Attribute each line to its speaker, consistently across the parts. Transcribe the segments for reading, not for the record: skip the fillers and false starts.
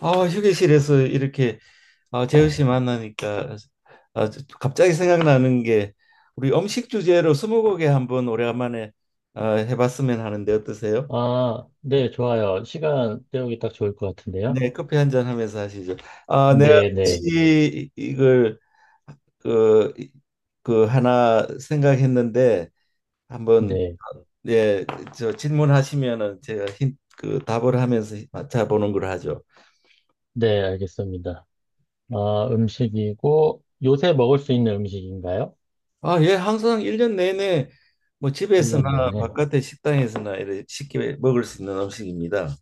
Speaker 1: 휴게실에서 이렇게 재우 씨 만나니까 갑자기 생각나는 게 우리 음식 주제로 스무고개 한번 오래간만에 해봤으면 하는데 어떠세요?
Speaker 2: 아, 네, 좋아요. 시간 때우기 딱 좋을 것 같은데요.
Speaker 1: 네, 커피 한 잔 하면서 하시죠. 아, 내가
Speaker 2: 네, 네,
Speaker 1: 혹시 이걸 그, 그 하나 생각했는데 한번,
Speaker 2: 네,
Speaker 1: 예, 저 질문하시면은 제가 그 답을 하면서 맞춰보는 걸 하죠.
Speaker 2: 네, 알겠습니다. 아, 음식이고, 요새 먹을 수 있는 음식인가요?
Speaker 1: 예, 항상 일 년 내내 뭐
Speaker 2: 일년
Speaker 1: 집에서나
Speaker 2: 내내.
Speaker 1: 바깥에 식당에서나 이렇게 쉽게 먹을 수 있는 음식입니다.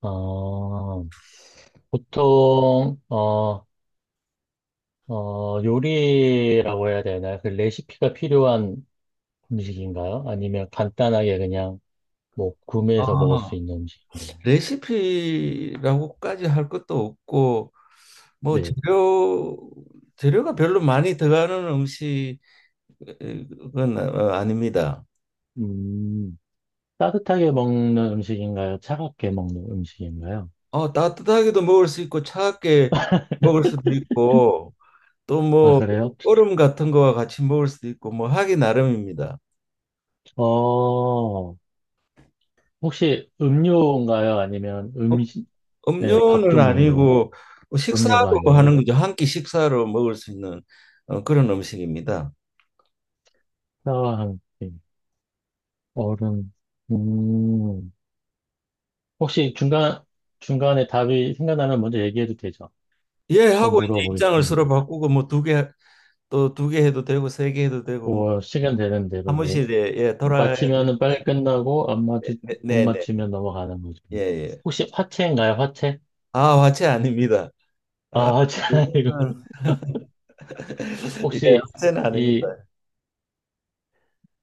Speaker 2: 어, 보통, 요리라고 해야 되나요? 그 레시피가 필요한 음식인가요? 아니면 간단하게 그냥 뭐 구매해서 먹을 수
Speaker 1: 아,
Speaker 2: 있는 음식인가요?
Speaker 1: 레시피라고까지 할 것도 없고 뭐
Speaker 2: 네.
Speaker 1: 재료가 별로 많이 들어가는 음식은 아닙니다.
Speaker 2: 음, 따뜻하게 먹는 음식인가요? 차갑게 먹는 음식인가요?
Speaker 1: 어, 따뜻하게도 먹을 수 있고 차갑게 먹을 수도 있고 또
Speaker 2: 아,
Speaker 1: 뭐
Speaker 2: 그래요?
Speaker 1: 얼음 같은 거와 같이 먹을 수도 있고 뭐 하기 나름입니다.
Speaker 2: 어, 혹시 음료인가요? 아니면 음식, 네, 밥
Speaker 1: 음료는
Speaker 2: 종류인가요?
Speaker 1: 아니고, 뭐
Speaker 2: 음료가
Speaker 1: 식사하고 뭐
Speaker 2: 아니에요.
Speaker 1: 하는 거죠. 한 끼 식사로 먹을 수 있는 그런 음식입니다.
Speaker 2: 사과 한 끼, 얼음, 음, 혹시 중간에 답이 생각나면 먼저 얘기해도 되죠?
Speaker 1: 예
Speaker 2: 또
Speaker 1: 하고 이제 입장을 서로
Speaker 2: 물어보겠습니다.
Speaker 1: 바꾸고 뭐 두 개, 또 두 개 해도 되고 세 개 해도 되고 뭐
Speaker 2: 뭐, 시간 되는 대로, 네.
Speaker 1: 사무실에 예 돌아가야 될
Speaker 2: 맞히면은 빨리 끝나고, 안 맞추,
Speaker 1: 네,
Speaker 2: 못
Speaker 1: 네, 네.
Speaker 2: 맞추면 넘어가는 거죠.
Speaker 1: 예, 예.
Speaker 2: 혹시 화채인가요? 화채?
Speaker 1: 아, 화채 아닙니다. 아,
Speaker 2: 아, 화채 아니고.
Speaker 1: 그거는 예,
Speaker 2: 혹시
Speaker 1: 화채는 아닙니다.
Speaker 2: 이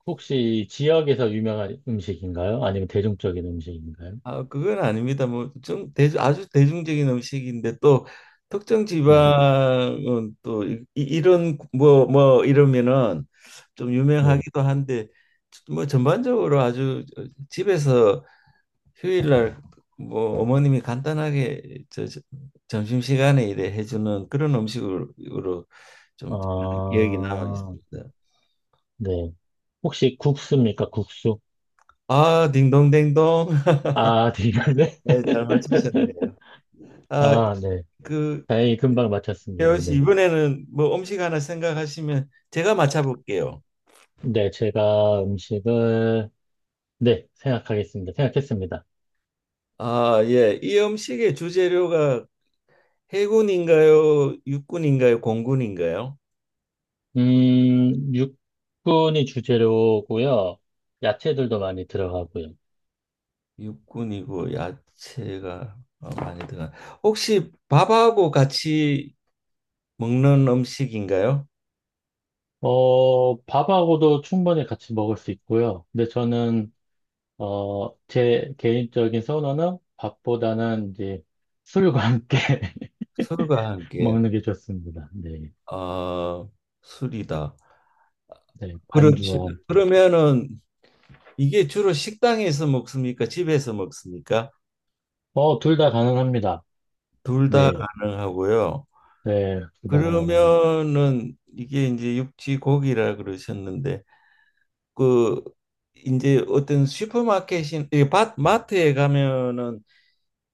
Speaker 2: 혹시 지역에서 유명한 음식인가요? 아니면 대중적인 음식인가요?
Speaker 1: 아, 그건 아닙니다. 뭐, 좀, 아주 대중적인 음식인데 또 특정
Speaker 2: 네,
Speaker 1: 지방은 또 이런 뭐 이러면은 좀
Speaker 2: 네.
Speaker 1: 유명하기도 한데 뭐 전반적으로 아주 집에서 휴일날 뭐 어머님이 간단하게 점심시간에 이래 해주는 그런 음식으로 좀 기억이 남아
Speaker 2: 아,
Speaker 1: 있습니다.
Speaker 2: 네. 혹시 국수입니까? 국수?
Speaker 1: 아, 딩동댕동.
Speaker 2: 아, 되겠네.
Speaker 1: 네, 잘 맞추셨네요. 아,
Speaker 2: 아, 네.
Speaker 1: 그
Speaker 2: 다행히 금방 맞췄습니다.
Speaker 1: 혜원 씨
Speaker 2: 네.
Speaker 1: 이번에는 뭐 음식 하나 생각하시면 제가 맞춰볼게요.
Speaker 2: 네, 제가 음식을, 네, 생각하겠습니다. 생각했습니다.
Speaker 1: 아, 예. 이 음식의 주재료가 해군인가요? 육군인가요? 공군인가요?
Speaker 2: 육군이 주재료고요. 야채들도 많이 들어가고요.
Speaker 1: 육군이고 야채가 어, 많이 들어가. 혹시 밥하고 같이 먹는 음식인가요?
Speaker 2: 밥하고도 충분히 같이 먹을 수 있고요. 근데 저는 제 개인적인 선호는 밥보다는 이제 술과 함께
Speaker 1: 술과 함께.
Speaker 2: 먹는 게 좋습니다. 네.
Speaker 1: 아, 술이다.
Speaker 2: 네.
Speaker 1: 그렇죠.
Speaker 2: 반주와.
Speaker 1: 그러면은 이게 주로 식당에서 먹습니까? 집에서 먹습니까?
Speaker 2: 둘 다 가능합니다.
Speaker 1: 둘 다
Speaker 2: 네.
Speaker 1: 가능하고요.
Speaker 2: 네. 둘 다 가능합니다.
Speaker 1: 그러면은 이게 이제 육지 고기라 그러셨는데 그 이제 어떤 슈퍼마켓인 이 마트에 가면은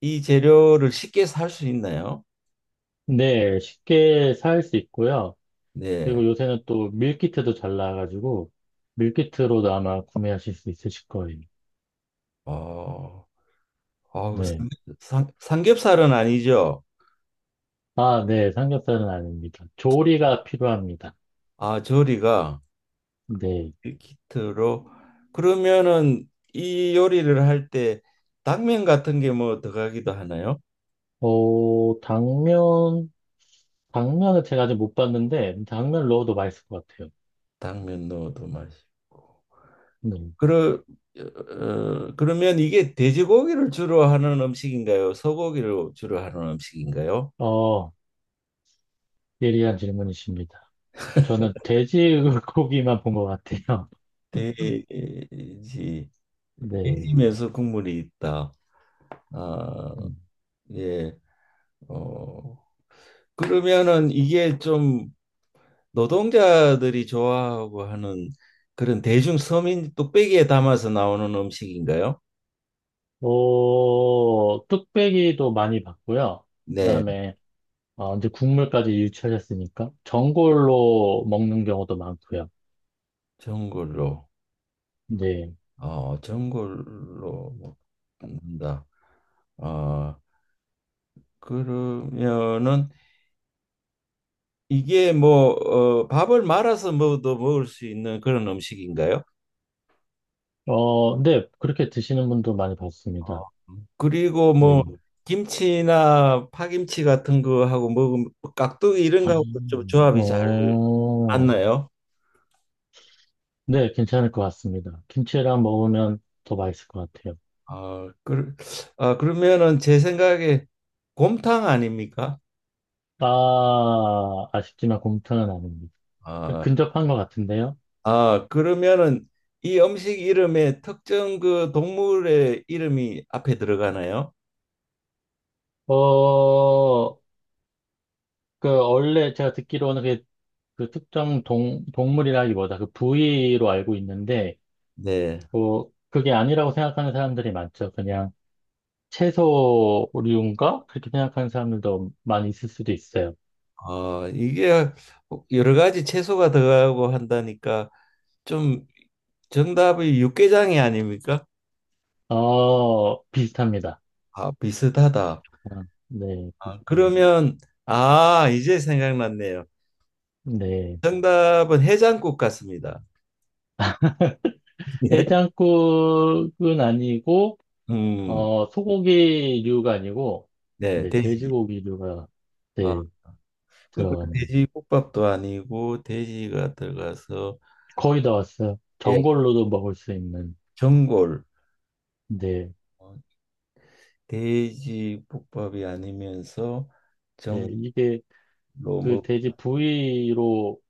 Speaker 1: 이 재료를 쉽게 살 수 있나요?
Speaker 2: 네. 쉽게 살 수 있고요.
Speaker 1: 네.
Speaker 2: 그리고 요새는 또 밀키트도 잘 나와가지고, 밀키트로도 아마 구매하실 수 있으실 거예요.
Speaker 1: 어, 어우,
Speaker 2: 네.
Speaker 1: 삼- 삼겹살은 아니죠.
Speaker 2: 아, 네. 삼겹살은 아닙니다. 조리가 필요합니다.
Speaker 1: 아, 조리가
Speaker 2: 네.
Speaker 1: 키트로, 그러면은 이 요리를 할 때 당면 같은 게 뭐 들어가기도 하나요?
Speaker 2: 어, 당면, 당면은 제가 아직 못 봤는데, 당면 넣어도 맛있을 것 같아요.
Speaker 1: 당면 넣어도 맛이.
Speaker 2: 음.
Speaker 1: 그러, 어, 그러면 이게 돼지고기를 주로 하는 음식인가요? 소고기를 주로 하는 음식인가요?
Speaker 2: 어, 예리한 질문이십니다. 저는 돼지 고기만 본 것 같아요.
Speaker 1: 돼지,
Speaker 2: 네.
Speaker 1: 돼지면서 국물이 있다. 아,
Speaker 2: 음.
Speaker 1: 예. 어, 그러면은 이게 좀 노동자들이 좋아하고 하는 그런 대중 서민 뚝배기에 담아서 나오는 음식인가요?
Speaker 2: 뚝배기도 많이 봤고요.
Speaker 1: 네,
Speaker 2: 그다음에, 이제 국물까지 유출했으니까, 전골로 먹는 경우도 많고요.
Speaker 1: 전골로.
Speaker 2: 네.
Speaker 1: 어, 전골로 먹는다. 아, 그러면은 이게 뭐 어, 밥을 말아서 먹어도 먹을 수 있는 그런 음식인가요?
Speaker 2: 어, 네. 그렇게 드시는 분도 많이
Speaker 1: 어,
Speaker 2: 봤습니다.
Speaker 1: 그리고 뭐
Speaker 2: 네.
Speaker 1: 김치나 파김치 같은 거하고 먹으면 깍두기 이런 거하고도 좀
Speaker 2: 음.
Speaker 1: 조합이 잘
Speaker 2: 어,
Speaker 1: 맞나요?
Speaker 2: 네, 괜찮을 것 같습니다. 김치랑 먹으면 더 맛있을 것 같아요.
Speaker 1: 아, 그, 아 그러면은 제 생각에 곰탕 아닙니까?
Speaker 2: 아, 아쉽지만 곰탕은 아닙니다.
Speaker 1: 아,
Speaker 2: 근접한 것 같은데요.
Speaker 1: 아 그러면은 이 음식 이름에 특정 그 동물의 이름이 앞에 들어가나요?
Speaker 2: 어, 그, 원래 제가 듣기로는 그, 특정 동물이라기보다 그 부위로 알고 있는데,
Speaker 1: 네.
Speaker 2: 그게 아니라고 생각하는 사람들이 많죠. 그냥 채소류인가? 그렇게 생각하는 사람들도 많이 있을 수도 있어요.
Speaker 1: 어 이게 여러 가지 채소가 들어가고 한다니까 좀 정답이 육개장이 아닙니까?
Speaker 2: 비슷합니다.
Speaker 1: 아, 비슷하다.
Speaker 2: 아, 네,
Speaker 1: 아,
Speaker 2: 비슷합니다.
Speaker 1: 그러면, 아, 이제 생각났네요.
Speaker 2: 네.
Speaker 1: 정답은 해장국 같습니다. 네.
Speaker 2: 해장국은 아니고,
Speaker 1: 음,
Speaker 2: 소고기류가 아니고,
Speaker 1: 네,
Speaker 2: 네,
Speaker 1: 돼지.
Speaker 2: 돼지고기류가,
Speaker 1: 아,
Speaker 2: 네,
Speaker 1: 그러니까
Speaker 2: 들어갑니다.
Speaker 1: 돼지국밥도 아니고 돼지가 들어가서
Speaker 2: 거의 다 왔어요.
Speaker 1: 예,
Speaker 2: 전골로도 먹을 수 있는,
Speaker 1: 전골.
Speaker 2: 네,
Speaker 1: 어, 돼지국밥이 아니면서
Speaker 2: 네,
Speaker 1: 전골로
Speaker 2: 이게 그
Speaker 1: 먹.
Speaker 2: 돼지 부위로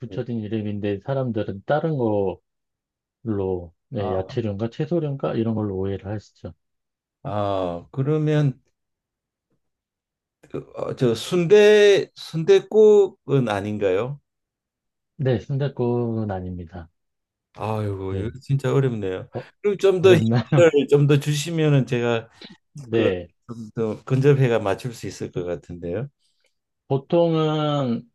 Speaker 2: 붙여진 이름인데, 사람들은 다른 걸로, 네,
Speaker 1: 아,
Speaker 2: 야채류인가 채소류인가 이런 걸로 오해를 하시죠.
Speaker 1: 아, 그러면 순대국은 아닌가요?
Speaker 2: 네, 순댓국은 아닙니다.
Speaker 1: 아이고, 이거
Speaker 2: 네,
Speaker 1: 진짜 어렵네요.
Speaker 2: 어,
Speaker 1: 그리고 좀 더
Speaker 2: 어렵나?
Speaker 1: 힌트를 좀 더 주시면은 제가
Speaker 2: 네,
Speaker 1: 그좀더 근접해가 맞출 수 있을 것 같은데요.
Speaker 2: 보통은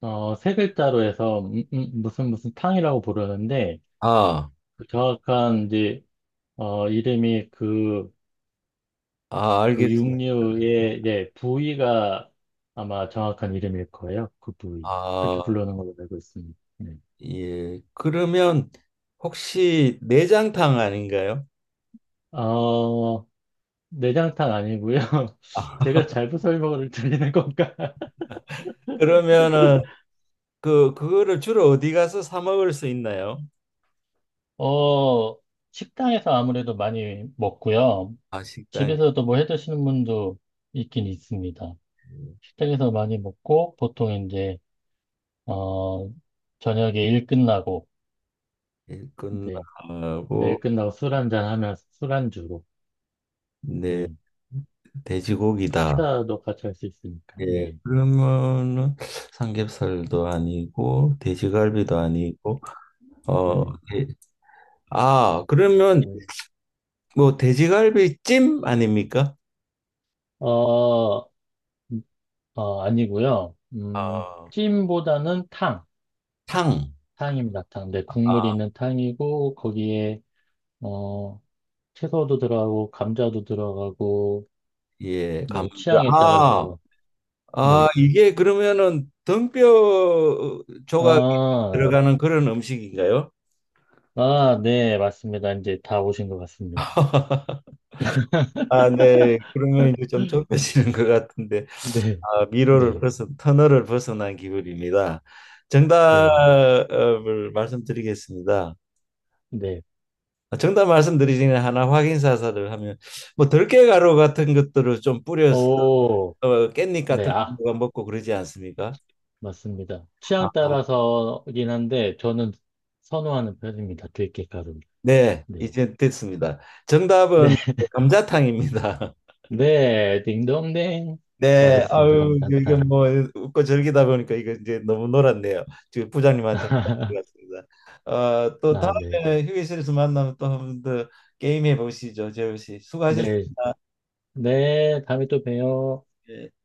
Speaker 2: 세 글자로 해서 무슨 무슨 탕이라고 부르는데
Speaker 1: 아,
Speaker 2: 그 정확한 이제 이름이 그,
Speaker 1: 아,
Speaker 2: 그
Speaker 1: 알겠습니다.
Speaker 2: 육류의 예, 부위가 아마 정확한 이름일 거예요. 그 부위. 그렇게
Speaker 1: 아,
Speaker 2: 부르는 걸로 알고 있습니다. 네.
Speaker 1: 예. 그러면 혹시 내장탕 아닌가요?
Speaker 2: 어, 내장탕 아니고요.
Speaker 1: 아,
Speaker 2: 제가 잘못 설명을 드리는 건가?
Speaker 1: 그러면은 그 그거를 주로 어디 가서 사 먹을 수 있나요?
Speaker 2: 어, 식당에서 아무래도 많이 먹고요.
Speaker 1: 아, 식당에
Speaker 2: 집에서도 뭐 해 드시는 분도 있긴 있습니다. 식당에서 많이 먹고 보통 이제 어, 저녁에 일 끝나고,
Speaker 1: 있구나
Speaker 2: 네. 네,
Speaker 1: 하고,
Speaker 2: 일 끝나고 술 한잔 하면서 술안주로,
Speaker 1: 네,
Speaker 2: 네.
Speaker 1: 돼지고기다.
Speaker 2: 식사도 같이 할 수 있으니까,
Speaker 1: 예,
Speaker 2: 네.
Speaker 1: 그러면은 삼겹살도 아니고 돼지갈비도 아니고 어,
Speaker 2: 네.
Speaker 1: 예. 아, 그러면
Speaker 2: 저-
Speaker 1: 뭐 돼지갈비 찜 아닙니까?
Speaker 2: 어, 아니고요.
Speaker 1: 어,
Speaker 2: 찜보다는 탕,
Speaker 1: 탕.
Speaker 2: 탕입니다, 탕. 네, 국물이
Speaker 1: 아,
Speaker 2: 있는 탕이고, 거기에, 어, 채소도 들어가고, 감자도 들어가고,
Speaker 1: 예,
Speaker 2: 뭐,
Speaker 1: 감자.
Speaker 2: 취향에
Speaker 1: 아,
Speaker 2: 따라서,
Speaker 1: 아,
Speaker 2: 네.
Speaker 1: 이게 그러면은 등뼈 조각이
Speaker 2: 아,
Speaker 1: 들어가는 그런 음식인가요?
Speaker 2: 아, 네, 맞습니다. 이제 다 오신 것 같습니다.
Speaker 1: 아, 네. 그러면 이제 좀 좁혀지는 것 같은데,
Speaker 2: 네,
Speaker 1: 미로를
Speaker 2: 네,
Speaker 1: 벗은, 터널을 벗어난 기분입니다.
Speaker 2: 네.
Speaker 1: 정답을 말씀드리겠습니다.
Speaker 2: 네.
Speaker 1: 정답 말씀드리기 전에 하나 확인 사살을 하면, 뭐 들깨가루 같은 것들을 좀 뿌려서
Speaker 2: 오,
Speaker 1: 깻잎
Speaker 2: 네.
Speaker 1: 같은
Speaker 2: 아,
Speaker 1: 거가 먹고 그러지 않습니까?
Speaker 2: 맞습니다.
Speaker 1: 아,
Speaker 2: 취향 따라서긴 한데, 저는 선호하는 편입니다. 들깨가루.
Speaker 1: 네,
Speaker 2: 네.
Speaker 1: 이제 됐습니다.
Speaker 2: 네.
Speaker 1: 정답은 감자탕입니다.
Speaker 2: 네. 딩동댕.
Speaker 1: 네,
Speaker 2: 맞았습니다.
Speaker 1: 아유, 이게
Speaker 2: 감탄탕.
Speaker 1: 뭐 웃고 즐기다 보니까 이거 이제 너무 놀았네요. 지금 부장님한테 혼났습니다. 어, 또
Speaker 2: 아, 네.
Speaker 1: 다음에 휴게실에서 만나면 또 한 번 더 게임 해보시죠, 재우 씨. 수고하셨습니다.
Speaker 2: 네. 네. 다음에 또 봬요.
Speaker 1: 예.